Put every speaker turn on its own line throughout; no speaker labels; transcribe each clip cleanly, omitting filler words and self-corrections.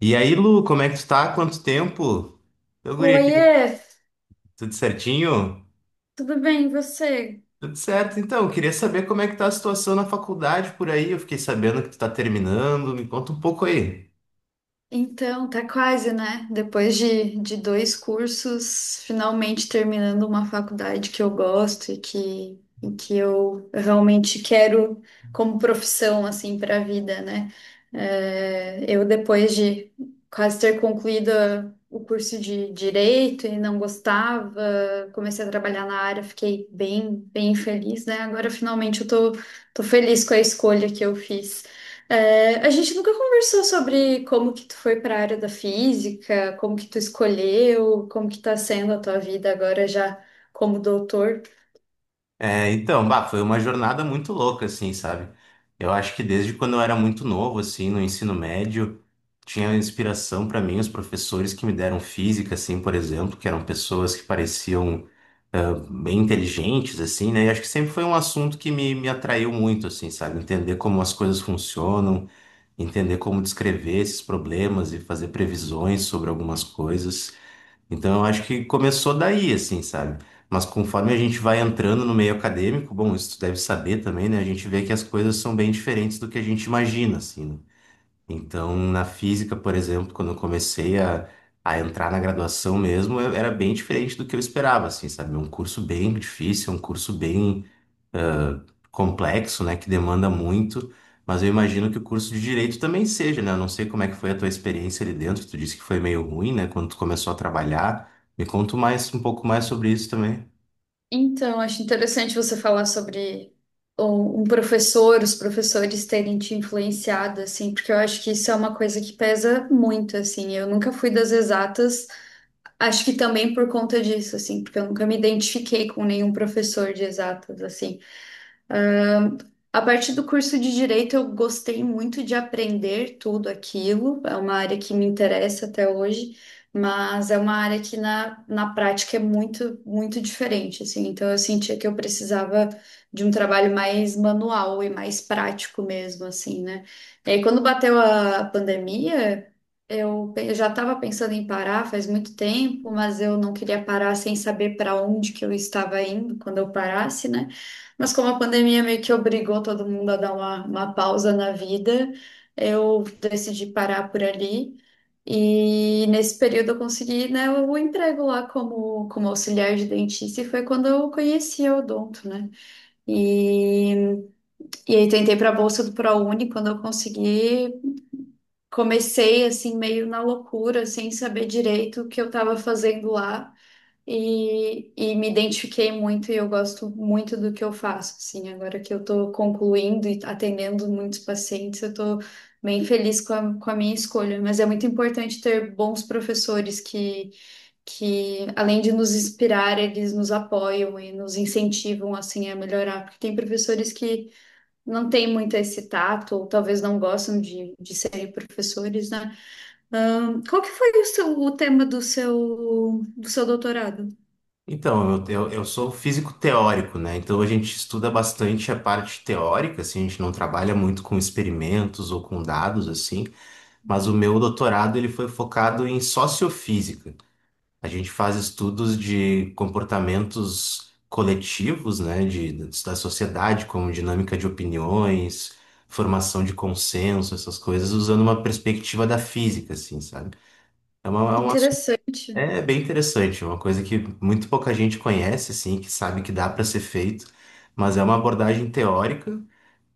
E aí, Lu, como é que tu tá? Quanto tempo? Ô, guri,
Oiê,
aqui, tudo certinho?
tudo bem, e você?
Tudo certo, então. Queria saber como é que tá a situação na faculdade por aí. Eu fiquei sabendo que tu tá terminando. Me conta um pouco aí.
Então, tá quase, né? Depois de dois cursos, finalmente terminando uma faculdade que eu gosto e que eu realmente quero como profissão, assim, para a vida, né? É, eu, depois de quase ter concluído o curso de Direito e não gostava, comecei a trabalhar na área, fiquei bem, bem feliz, né? Agora, finalmente, eu tô feliz com a escolha que eu fiz. É, a gente nunca conversou sobre como que tu foi para a área da física, como que tu escolheu, como que tá sendo a tua vida agora já como doutor.
É, então, bah, foi uma jornada muito louca, assim, sabe? Eu acho que desde quando eu era muito novo, assim, no ensino médio, tinha inspiração pra mim os professores que me deram física, assim, por exemplo, que eram pessoas que pareciam bem inteligentes, assim, né? E acho que sempre foi um assunto que me atraiu muito, assim, sabe? Entender como as coisas funcionam, entender como descrever esses problemas e fazer previsões sobre algumas coisas. Então, eu acho que começou daí, assim, sabe? Mas conforme a gente vai entrando no meio acadêmico, bom, isso tu deve saber também, né? A gente vê que as coisas são bem diferentes do que a gente imagina, assim, né? Então, na física, por exemplo, quando eu comecei a entrar na graduação mesmo, eu- era bem diferente do que eu esperava, assim, sabe? É um curso bem difícil, é um curso bem ah, complexo, né? Que demanda muito, mas eu imagino que o curso de direito também seja, né? Eu não sei como é que foi a tua experiência ali dentro, tu disse que foi meio ruim, né? Quando tu começou a trabalhar. Me conta mais um pouco mais sobre isso também.
Então, acho interessante você falar sobre um professor, os professores terem te influenciado, assim, porque eu acho que isso é uma coisa que pesa muito, assim. Eu nunca fui das exatas, acho que também por conta disso, assim, porque eu nunca me identifiquei com nenhum professor de exatas, assim. A partir do curso de direito, eu gostei muito de aprender tudo aquilo. É uma área que me interessa até hoje, mas é uma área que na prática é muito, muito diferente, assim. Então, eu sentia que eu precisava de um trabalho mais manual e mais prático mesmo, assim, né? E aí, quando bateu a pandemia, eu já estava pensando em parar faz muito tempo, mas eu não queria parar sem saber para onde que eu estava indo quando eu parasse, né? Mas como a pandemia meio que obrigou todo mundo a dar uma pausa na vida, eu decidi parar por ali. E nesse período eu consegui, né, o emprego lá como auxiliar de dentista e foi quando eu conheci a Odonto, né? E, e aí tentei para a bolsa do ProUni, quando eu consegui, comecei assim meio na loucura, sem saber direito o que eu estava fazendo lá e me identifiquei muito e eu gosto muito do que eu faço, assim, agora que eu estou concluindo e atendendo muitos pacientes, eu estou bem feliz com a minha escolha, mas é muito importante ter bons professores que, além de nos inspirar, eles nos apoiam e nos incentivam, assim, a melhorar, porque tem professores que não têm muito esse tato, ou talvez não gostam de serem professores, né? Qual que foi o tema do seu doutorado?
Então, eu sou físico teórico, né? Então a gente estuda bastante a parte teórica, assim, a gente não trabalha muito com experimentos ou com dados, assim, mas o meu doutorado ele foi focado em sociofísica. A gente faz estudos de comportamentos coletivos, né? De, da sociedade, como dinâmica de opiniões, formação de consenso, essas coisas, usando uma perspectiva da física, assim, sabe? É, uma, é um
Interessante.
é bem interessante, é uma coisa que muito pouca gente conhece, assim, que sabe que dá para ser feito, mas é uma abordagem teórica,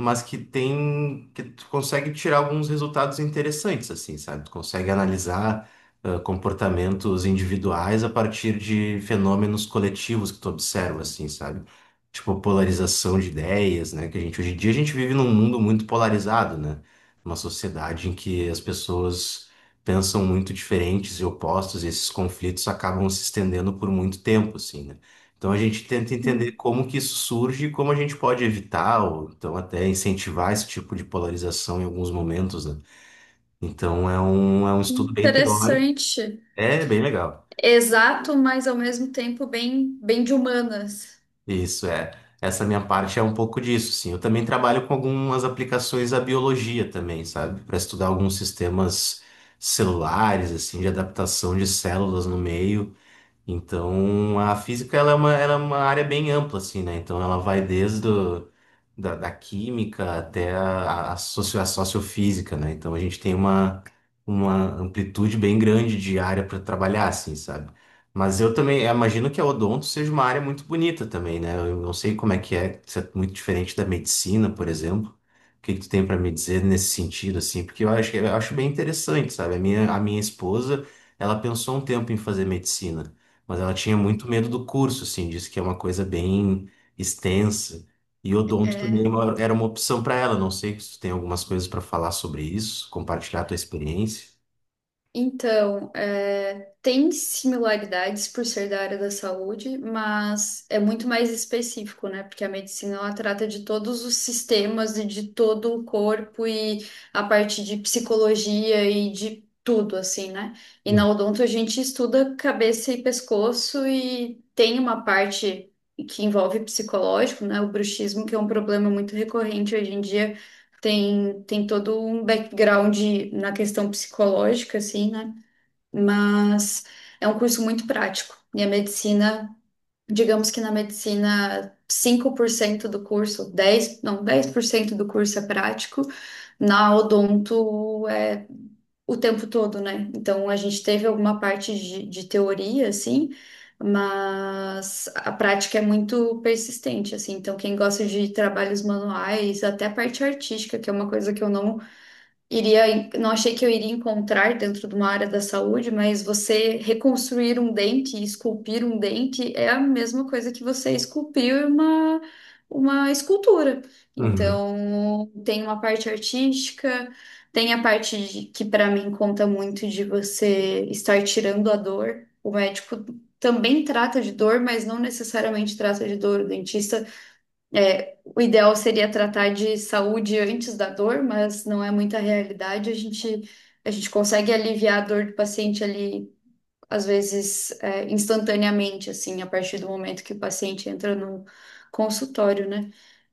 mas que tem, que tu consegue tirar alguns resultados interessantes, assim, sabe? Tu consegue analisar comportamentos individuais a partir de fenômenos coletivos que tu observa, assim, sabe? Tipo, polarização de ideias, né? Que a gente, hoje em dia, a gente vive num mundo muito polarizado, né? Uma sociedade em que as pessoas pensam muito diferentes e opostos, e esses conflitos acabam se estendendo por muito tempo, assim, né? Então a gente tenta entender
Hum.
como que isso surge e como a gente pode evitar, ou então até incentivar esse tipo de polarização em alguns momentos, né? Então é um estudo bem teórico,
Interessante.
é bem legal.
Exato, mas ao mesmo tempo bem, bem de humanas.
Isso é. Essa minha parte é um pouco disso, sim. Eu também trabalho com algumas aplicações à biologia também, sabe? Para estudar alguns sistemas celulares, assim, de adaptação de células no meio. Então, a física ela é uma área bem ampla, assim, né? Então, ela vai desde o, da química até a, socio, a sociofísica, né? Então, a gente tem uma amplitude bem grande de área para trabalhar, assim, sabe? Mas eu também eu imagino que a odonto seja uma área muito bonita também, né? Eu não sei como é que é, se é muito diferente da medicina, por exemplo. O que que tu tem para me dizer nesse sentido, assim? Porque eu acho bem interessante, sabe? A minha esposa, ela pensou um tempo em fazer medicina. Mas ela tinha
Hum.
muito medo do curso, assim, disse que é uma coisa bem extensa. E odonto também é uma- era uma opção para ela. Não sei se tu tem algumas coisas para falar sobre isso, compartilhar a tua experiência.
Então, é, tem similaridades por ser da área da saúde, mas é muito mais específico, né? Porque a medicina ela trata de todos os sistemas e de todo o corpo e a parte de psicologia e de tudo, assim, né? E
Hum,
na odonto a gente estuda cabeça e pescoço e tem uma parte que envolve psicológico, né? O bruxismo, que é um problema muito recorrente hoje em dia tem todo um background na questão psicológica, assim, né? Mas é um curso muito prático. E a medicina, digamos que na medicina, 5% do curso, 10 não, 10% do curso é prático, na odonto é o tempo todo, né? Então a gente teve alguma parte de teoria, assim. Mas a prática é muito persistente, assim. Então, quem gosta de trabalhos manuais, até a parte artística, que é uma coisa que eu não não achei que eu iria encontrar dentro de uma área da saúde, mas você reconstruir um dente, esculpir um dente é a mesma coisa que você esculpir uma escultura.
uhum.
Então, tem uma parte artística, tem que para mim conta muito de você estar tirando a dor. O médico também trata de dor, mas não necessariamente trata de dor. O dentista é, o ideal seria tratar de saúde antes da dor, mas não é muita realidade. A gente consegue aliviar a dor do paciente ali, às vezes, é, instantaneamente, assim, a partir do momento que o paciente entra no consultório, né?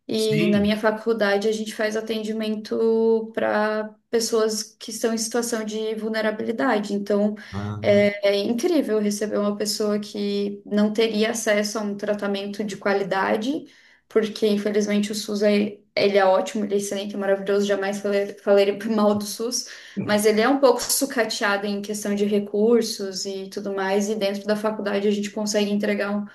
E na
Sim.
minha faculdade a gente faz atendimento para pessoas que estão em situação de vulnerabilidade. Então
Ah,
é incrível receber uma pessoa que não teria acesso a um tratamento de qualidade, porque infelizmente o SUS é, ele é ótimo, ele é excelente, é maravilhoso, jamais falei mal do SUS, mas ele é um pouco sucateado em questão de recursos e tudo mais, e dentro da faculdade a gente consegue entregar um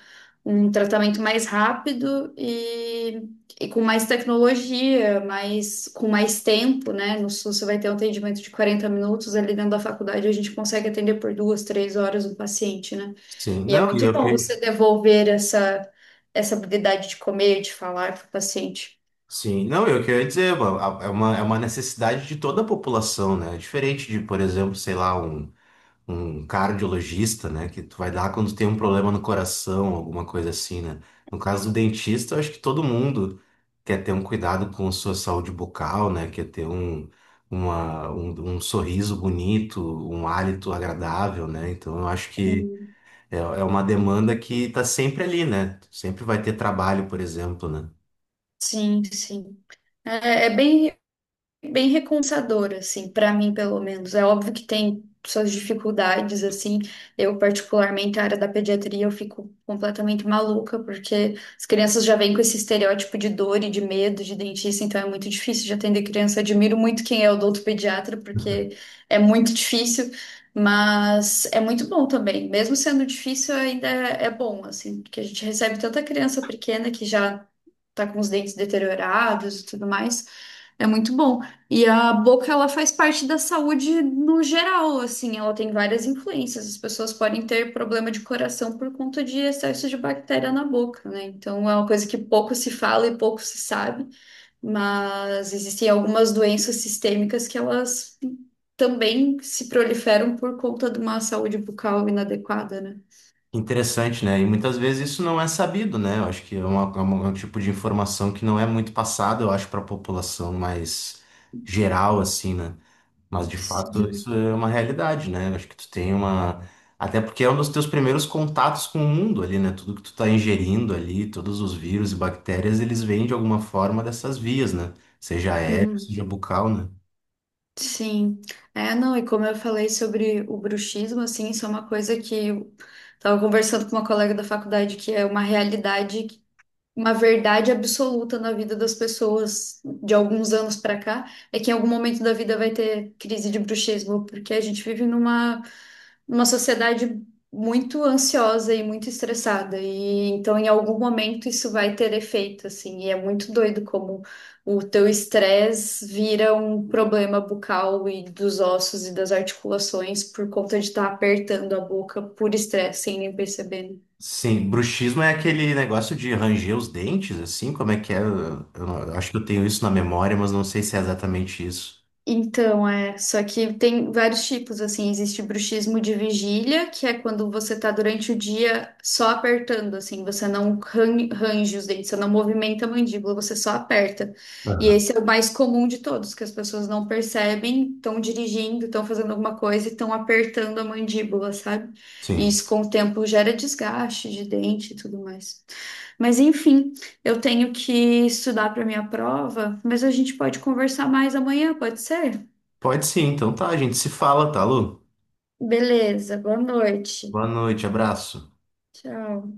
um tratamento mais rápido e com mais tecnologia, mais, com mais tempo, né? No SUS você vai ter um atendimento de 40 minutos, ali dentro da faculdade a gente consegue atender por duas, 3 horas um paciente, né?
sim.
E é
Não, e
muito
eu
bom
que...
você devolver essa habilidade de comer, de falar para o paciente.
Sim, não, eu que eu queria dizer, é uma necessidade de toda a população, né? É diferente de, por exemplo, sei lá, um cardiologista, né? Que tu vai dar quando tem um problema no coração, alguma coisa assim, né? No caso do dentista, eu acho que todo mundo quer ter um cuidado com sua saúde bucal, né? Quer ter um sorriso bonito, um hálito agradável, né? Então eu acho que
Sim,
é uma demanda que tá sempre ali, né? Sempre vai ter trabalho, por exemplo, né?
sim. Sim. É bem, bem recompensador, assim, para mim, pelo menos. É óbvio que tem suas dificuldades, assim. Eu, particularmente, a área da pediatria, eu fico completamente maluca, porque as crianças já vêm com esse estereótipo de dor e de medo de dentista, então é muito difícil de atender criança. Admiro muito quem é odontopediatra, porque é muito difícil. Mas é muito bom também. Mesmo sendo difícil, ainda é bom, assim, porque a gente recebe tanta criança pequena que já tá com os dentes deteriorados e tudo mais. É muito bom. E a boca, ela faz parte da saúde no geral, assim, ela tem várias influências. As pessoas podem ter problema de coração por conta de excesso de bactéria na boca, né? Então é uma coisa que pouco se fala e pouco se sabe, mas existem algumas doenças sistêmicas que elas também se proliferam por conta de uma saúde bucal inadequada, né?
Interessante, né? E muitas vezes isso não é sabido, né? Eu acho que é, uma, é um tipo de informação que não é muito passada, eu acho, para a população mais geral, assim, né? Mas de fato
Sim.
isso é uma realidade, né? Eu acho que tu tem uma. Até porque é um dos teus primeiros contatos com o mundo ali, né? Tudo que tu tá ingerindo ali, todos os vírus e bactérias, eles vêm de alguma forma dessas vias, né? Seja aéreo, seja bucal, né?
Sim, é, não, e como eu falei sobre o bruxismo, assim, isso é uma coisa que eu estava conversando com uma colega da faculdade, que é uma realidade, uma verdade absoluta na vida das pessoas de alguns anos pra cá é que em algum momento da vida vai ter crise de bruxismo, porque a gente vive numa sociedade muito ansiosa e muito estressada, e então em algum momento isso vai ter efeito, assim, e é muito doido como o teu estresse vira um problema bucal e dos ossos e das articulações por conta de estar apertando a boca por estresse sem nem perceber, né?
Sim, bruxismo é aquele negócio de ranger os dentes, assim, como é que é? Eu não- eu acho que eu tenho isso na memória, mas não sei se é exatamente isso.
Então, é, só que tem vários tipos, assim, existe bruxismo de vigília, que é quando você tá durante o dia só apertando, assim, você não ran- range os dentes, você não movimenta a mandíbula, você só aperta. E
Aham.
esse é o mais comum de todos, que as pessoas não percebem, estão dirigindo, estão fazendo alguma coisa e estão apertando a mandíbula, sabe? E
Sim.
isso com o tempo gera desgaste de dente e tudo mais. Mas enfim. Eu tenho que estudar para minha prova, mas a gente pode conversar mais amanhã, pode ser?
Pode sim, então tá, a gente se fala, tá, Lu?
Beleza, boa noite.
Boa noite, abraço.
Tchau.